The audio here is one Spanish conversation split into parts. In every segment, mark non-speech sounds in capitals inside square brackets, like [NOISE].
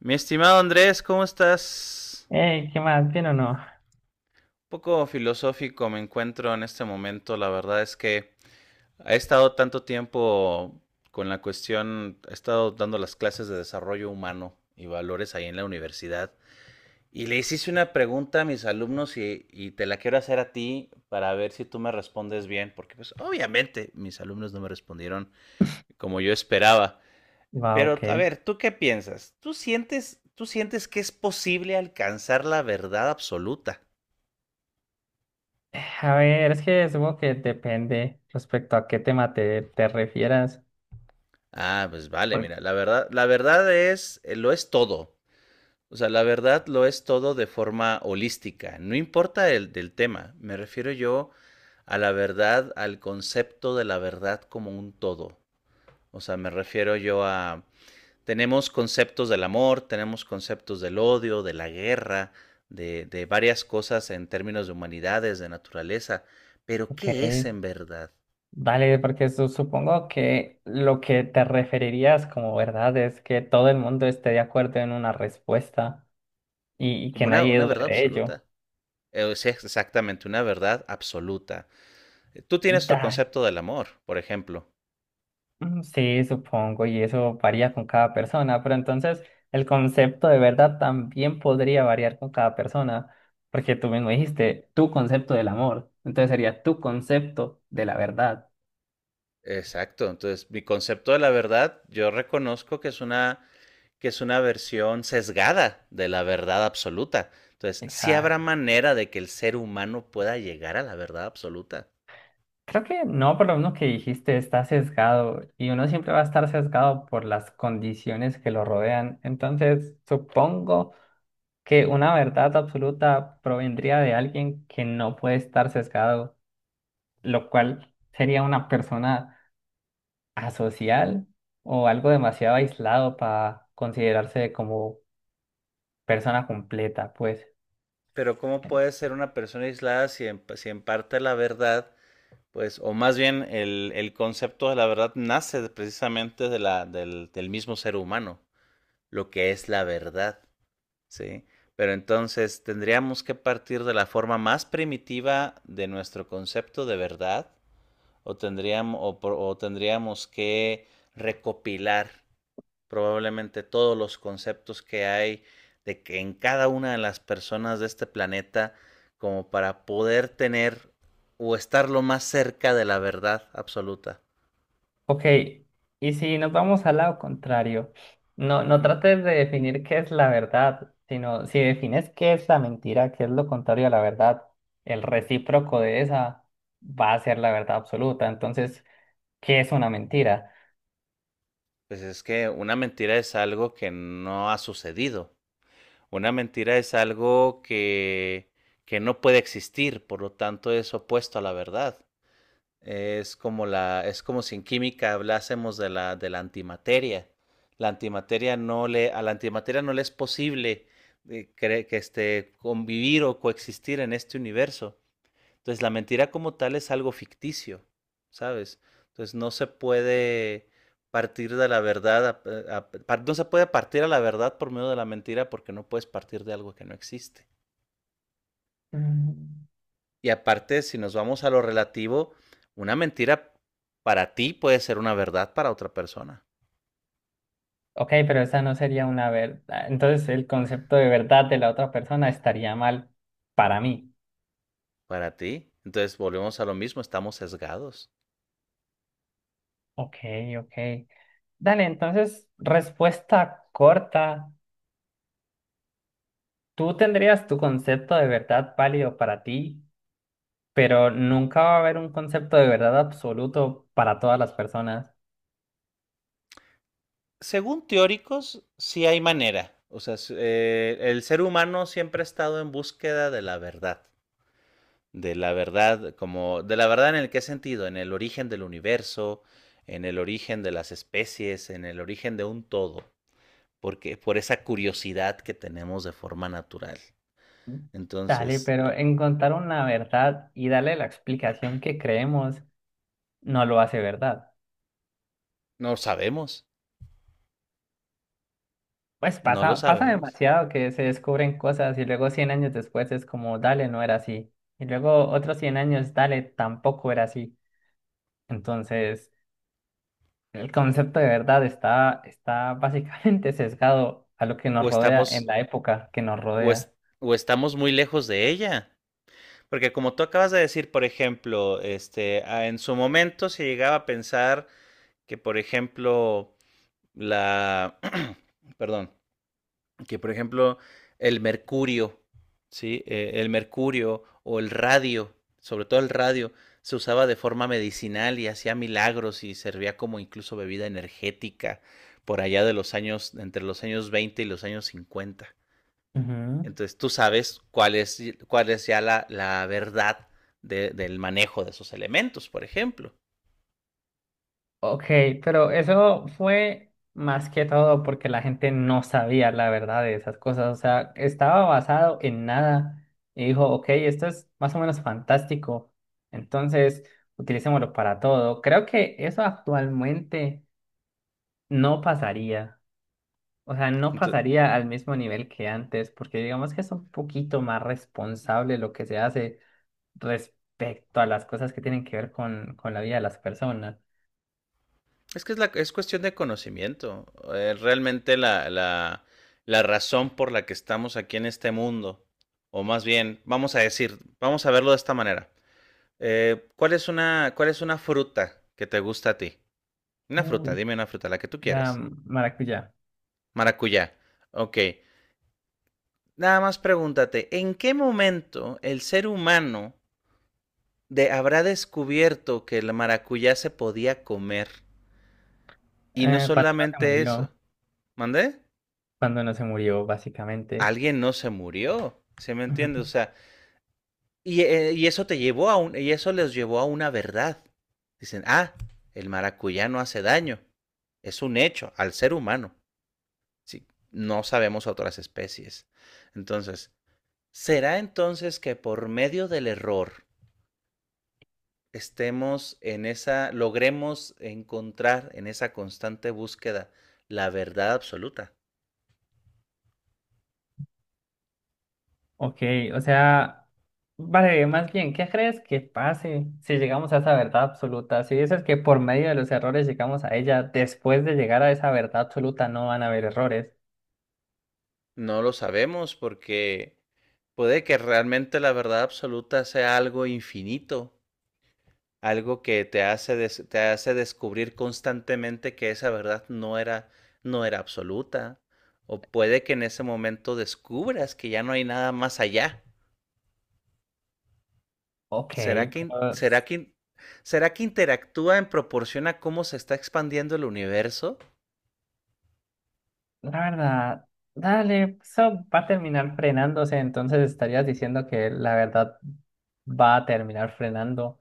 Mi estimado Andrés, ¿cómo estás? Un Ey, ¿qué más? ¿Bien o no? poco filosófico me encuentro en este momento. La verdad es que he estado tanto tiempo con la cuestión, he estado dando las clases de desarrollo humano y valores ahí en la universidad. Y le hiciste una pregunta a mis alumnos y te la quiero hacer a ti para ver si tú me respondes bien, porque pues obviamente mis alumnos no me respondieron como yo esperaba. Va, Pero, ok. a ver, ¿tú qué piensas? ¿Tú sientes que es posible alcanzar la verdad absoluta? A ver, es que supongo que depende respecto a qué tema te refieras. Ah, pues vale, Por- mira, la verdad es, lo es todo. O sea, la verdad lo es todo de forma holística. No importa el del tema. Me refiero yo a la verdad, al concepto de la verdad como un todo. O sea, me refiero yo a. Tenemos conceptos del amor, tenemos conceptos del odio, de la guerra, de varias cosas en términos de humanidades, de naturaleza. Pero Ok, ¿qué es en verdad? dale, porque supongo que lo que te referirías como verdad es que todo el mundo esté de acuerdo en una respuesta y, Como que nadie una dude verdad de ello. absoluta. Es exactamente una verdad absoluta. Tú tienes tu Dale. concepto del amor, por ejemplo. Sí, supongo, y eso varía con cada persona, pero entonces el concepto de verdad también podría variar con cada persona, porque tú mismo dijiste tu concepto del amor, entonces sería tu concepto de la verdad. Exacto. Entonces, mi concepto de la verdad, yo reconozco que es una versión sesgada de la verdad absoluta. Entonces, sí habrá Exacto. manera de que el ser humano pueda llegar a la verdad absoluta. Creo que no, por lo menos que dijiste, está sesgado y uno siempre va a estar sesgado por las condiciones que lo rodean, entonces supongo que una verdad absoluta provendría de alguien que no puede estar sesgado, lo cual sería una persona asocial o algo demasiado aislado para considerarse como persona completa, pues. Pero ¿cómo En- puede ser una persona aislada si en parte la verdad, pues, o más bien el concepto de la verdad nace precisamente de la, del mismo ser humano, lo que es la verdad, ¿sí? Pero entonces tendríamos que partir de la forma más primitiva de nuestro concepto de verdad, o tendríamos, o tendríamos que recopilar probablemente todos los conceptos que hay de que en cada una de las personas de este planeta como para poder tener o estar lo más cerca de la verdad absoluta. Ok, y si nos vamos al lado contrario, no, no Uh-huh. trates de definir qué es la verdad, sino si defines qué es la mentira, qué es lo contrario a la verdad, el recíproco de esa va a ser la verdad absoluta. Entonces, ¿qué es una mentira? Pues es que una mentira es algo que no ha sucedido. Una mentira es algo que no puede existir, por lo tanto es opuesto a la verdad. Es como la, es como si en química hablásemos de la antimateria. La antimateria no le, a la antimateria no le es posible convivir o coexistir en este universo. Entonces la mentira como tal es algo ficticio, ¿sabes? Entonces no se puede partir de la verdad, no se puede partir a la verdad por medio de la mentira porque no puedes partir de algo que no existe. Mm. Y aparte, si nos vamos a lo relativo, una mentira para ti puede ser una verdad para otra persona, Ok, pero esa no sería una verdad. Entonces, el concepto de verdad de la otra persona estaría mal para mí. para ti. Entonces volvemos a lo mismo, estamos sesgados. Ok, ok. Dale, entonces, respuesta corta. Tú tendrías tu concepto de verdad válido para ti, pero nunca va a haber un concepto de verdad absoluto para todas las personas. Según teóricos, sí hay manera. O sea, el ser humano siempre ha estado en búsqueda de la verdad como, de la verdad en el qué sentido, en el origen del universo, en el origen de las especies, en el origen de un todo, porque por esa curiosidad que tenemos de forma natural. Dale, Entonces, pero encontrar una verdad y darle la explicación que creemos no lo hace verdad. no sabemos, Pues no lo pasa sabemos. demasiado que se descubren cosas y luego 100 años después es como, dale, no era así. Y luego otros 100 años, dale, tampoco era así. Entonces, el concepto de verdad está, está básicamente [LAUGHS] sesgado a lo que nos O rodea en estamos, la época que nos o, es- rodea. o estamos muy lejos de ella. Porque como tú acabas de decir, por ejemplo, este, en su momento se llegaba a pensar que, por ejemplo, la, [CLEARS THROAT] perdón, que por ejemplo el mercurio, ¿sí? El mercurio o el radio, sobre todo el radio, se usaba de forma medicinal y hacía milagros y servía como incluso bebida energética por allá de los años, entre los años 20 y los años 50. Ujú. Entonces tú sabes cuál es ya la verdad de, del manejo de esos elementos, por ejemplo. Ok, pero eso fue más que todo porque la gente no sabía la verdad de esas cosas. O sea, estaba basado en nada y dijo, ok, esto es más o menos fantástico. Entonces, utilicémoslo para todo. Creo que eso actualmente no pasaría. O sea, no Entonces, pasaría al mismo nivel que antes, porque digamos que es un poquito más responsable lo que se hace respecto a las cosas que tienen que ver con la vida de las personas. es que es, la, es cuestión de conocimiento. Realmente la razón por la que estamos aquí en este mundo, o más bien, vamos a decir, vamos a verlo de esta manera. ¿Cuál es una fruta que te gusta a ti? Una fruta, Uy, dime una fruta, la que tú la quieras. maracuyá. Maracuyá. Ok. Nada más pregúntate, ¿en qué momento el ser humano habrá descubierto que el maracuyá se podía comer? Y no Cuando no se solamente eso. murió, ¿Mandé? cuando no se murió, básicamente. Alguien no se murió, ¿se me Ujú. entiende? O sea, y eso les llevó a una verdad. Dicen, ah, el maracuyá no hace daño. Es un hecho al ser humano. Sí, no sabemos otras especies. Entonces, ¿será entonces que por medio del error estemos en esa, logremos encontrar en esa constante búsqueda la verdad absoluta? Ok, o sea, vale, más bien, ¿qué crees que pase si llegamos a esa verdad absoluta? Si dices que por medio de los errores llegamos a ella, después de llegar a esa verdad absoluta no van a haber errores. No lo sabemos porque puede que realmente la verdad absoluta sea algo infinito, algo que te hace, te hace descubrir constantemente que esa verdad no era, no era absoluta. O puede que en ese momento descubras que ya no hay nada más allá. Ok, ¿Será que, in- será pues. que, in- será que interactúa en proporción a cómo se está expandiendo el universo? La verdad, dale, eso va a terminar frenándose, entonces estarías diciendo que la verdad va a terminar frenando.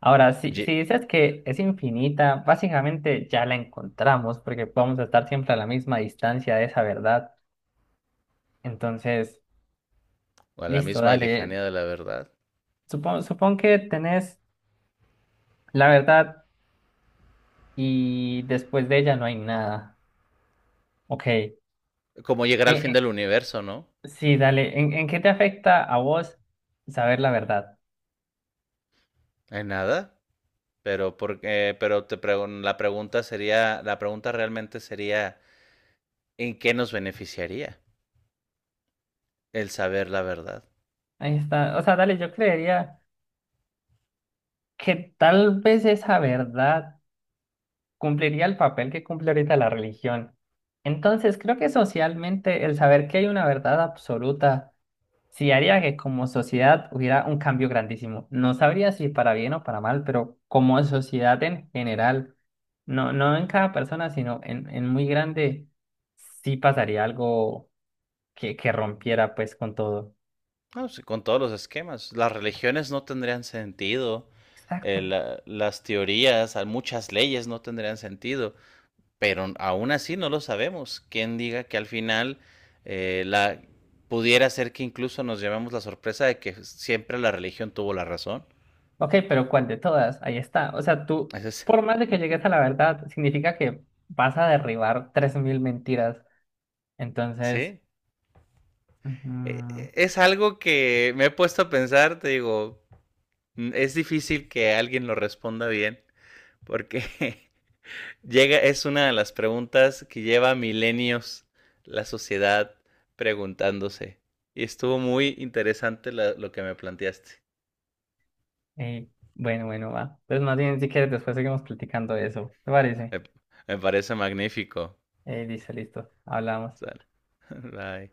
Ahora, si, Ye- si dices que es infinita, básicamente ya la encontramos porque vamos a estar siempre a la misma distancia de esa verdad. Entonces, o a la listo, misma dale. lejanía de la verdad. Supón que tenés la verdad y después de ella no hay nada. Ok. Como llegar al fin en- del universo, ¿no? sí, dale. En qué te afecta a vos saber la verdad? ¿Hay nada? Pero porque, pero te pregun- La pregunta sería, la pregunta realmente sería, ¿en qué nos beneficiaría el saber la verdad? Ahí está. O sea, dale, yo creería que tal vez esa verdad cumpliría el papel que cumple ahorita la religión. Entonces, creo que socialmente el saber que hay una verdad absoluta sí haría que como sociedad hubiera un cambio grandísimo. No sabría si para bien o para mal, pero como sociedad en general, no, no en cada persona, sino en muy grande, sí pasaría algo que rompiera pues con todo. No, sí, con todos los esquemas. Las religiones no tendrían sentido, Exacto. Las teorías, muchas leyes no tendrían sentido, pero aún así no lo sabemos. ¿Quién diga que al final la pudiera ser que incluso nos llevemos la sorpresa de que siempre la religión tuvo la razón? Ok, pero ¿cuál de todas? Ahí está. O sea, tú, Ese es- por más [LAUGHS] de que llegues a la verdad, significa que vas a derribar 3.000 mentiras. Entonces, sí, ujú, es algo que me he puesto a pensar, te digo, mm, es difícil que alguien lo responda bien, porque [LAUGHS] es una de las preguntas que lleva milenios la sociedad preguntándose. Y estuvo muy interesante lo que me planteaste. eh, bueno, bueno, va. Entonces, más bien, si quieres, después seguimos platicando de eso. ¿Te parece? Me, me parece magnífico. Listo, listo. Hablamos. Sale. [LAUGHS] Bye.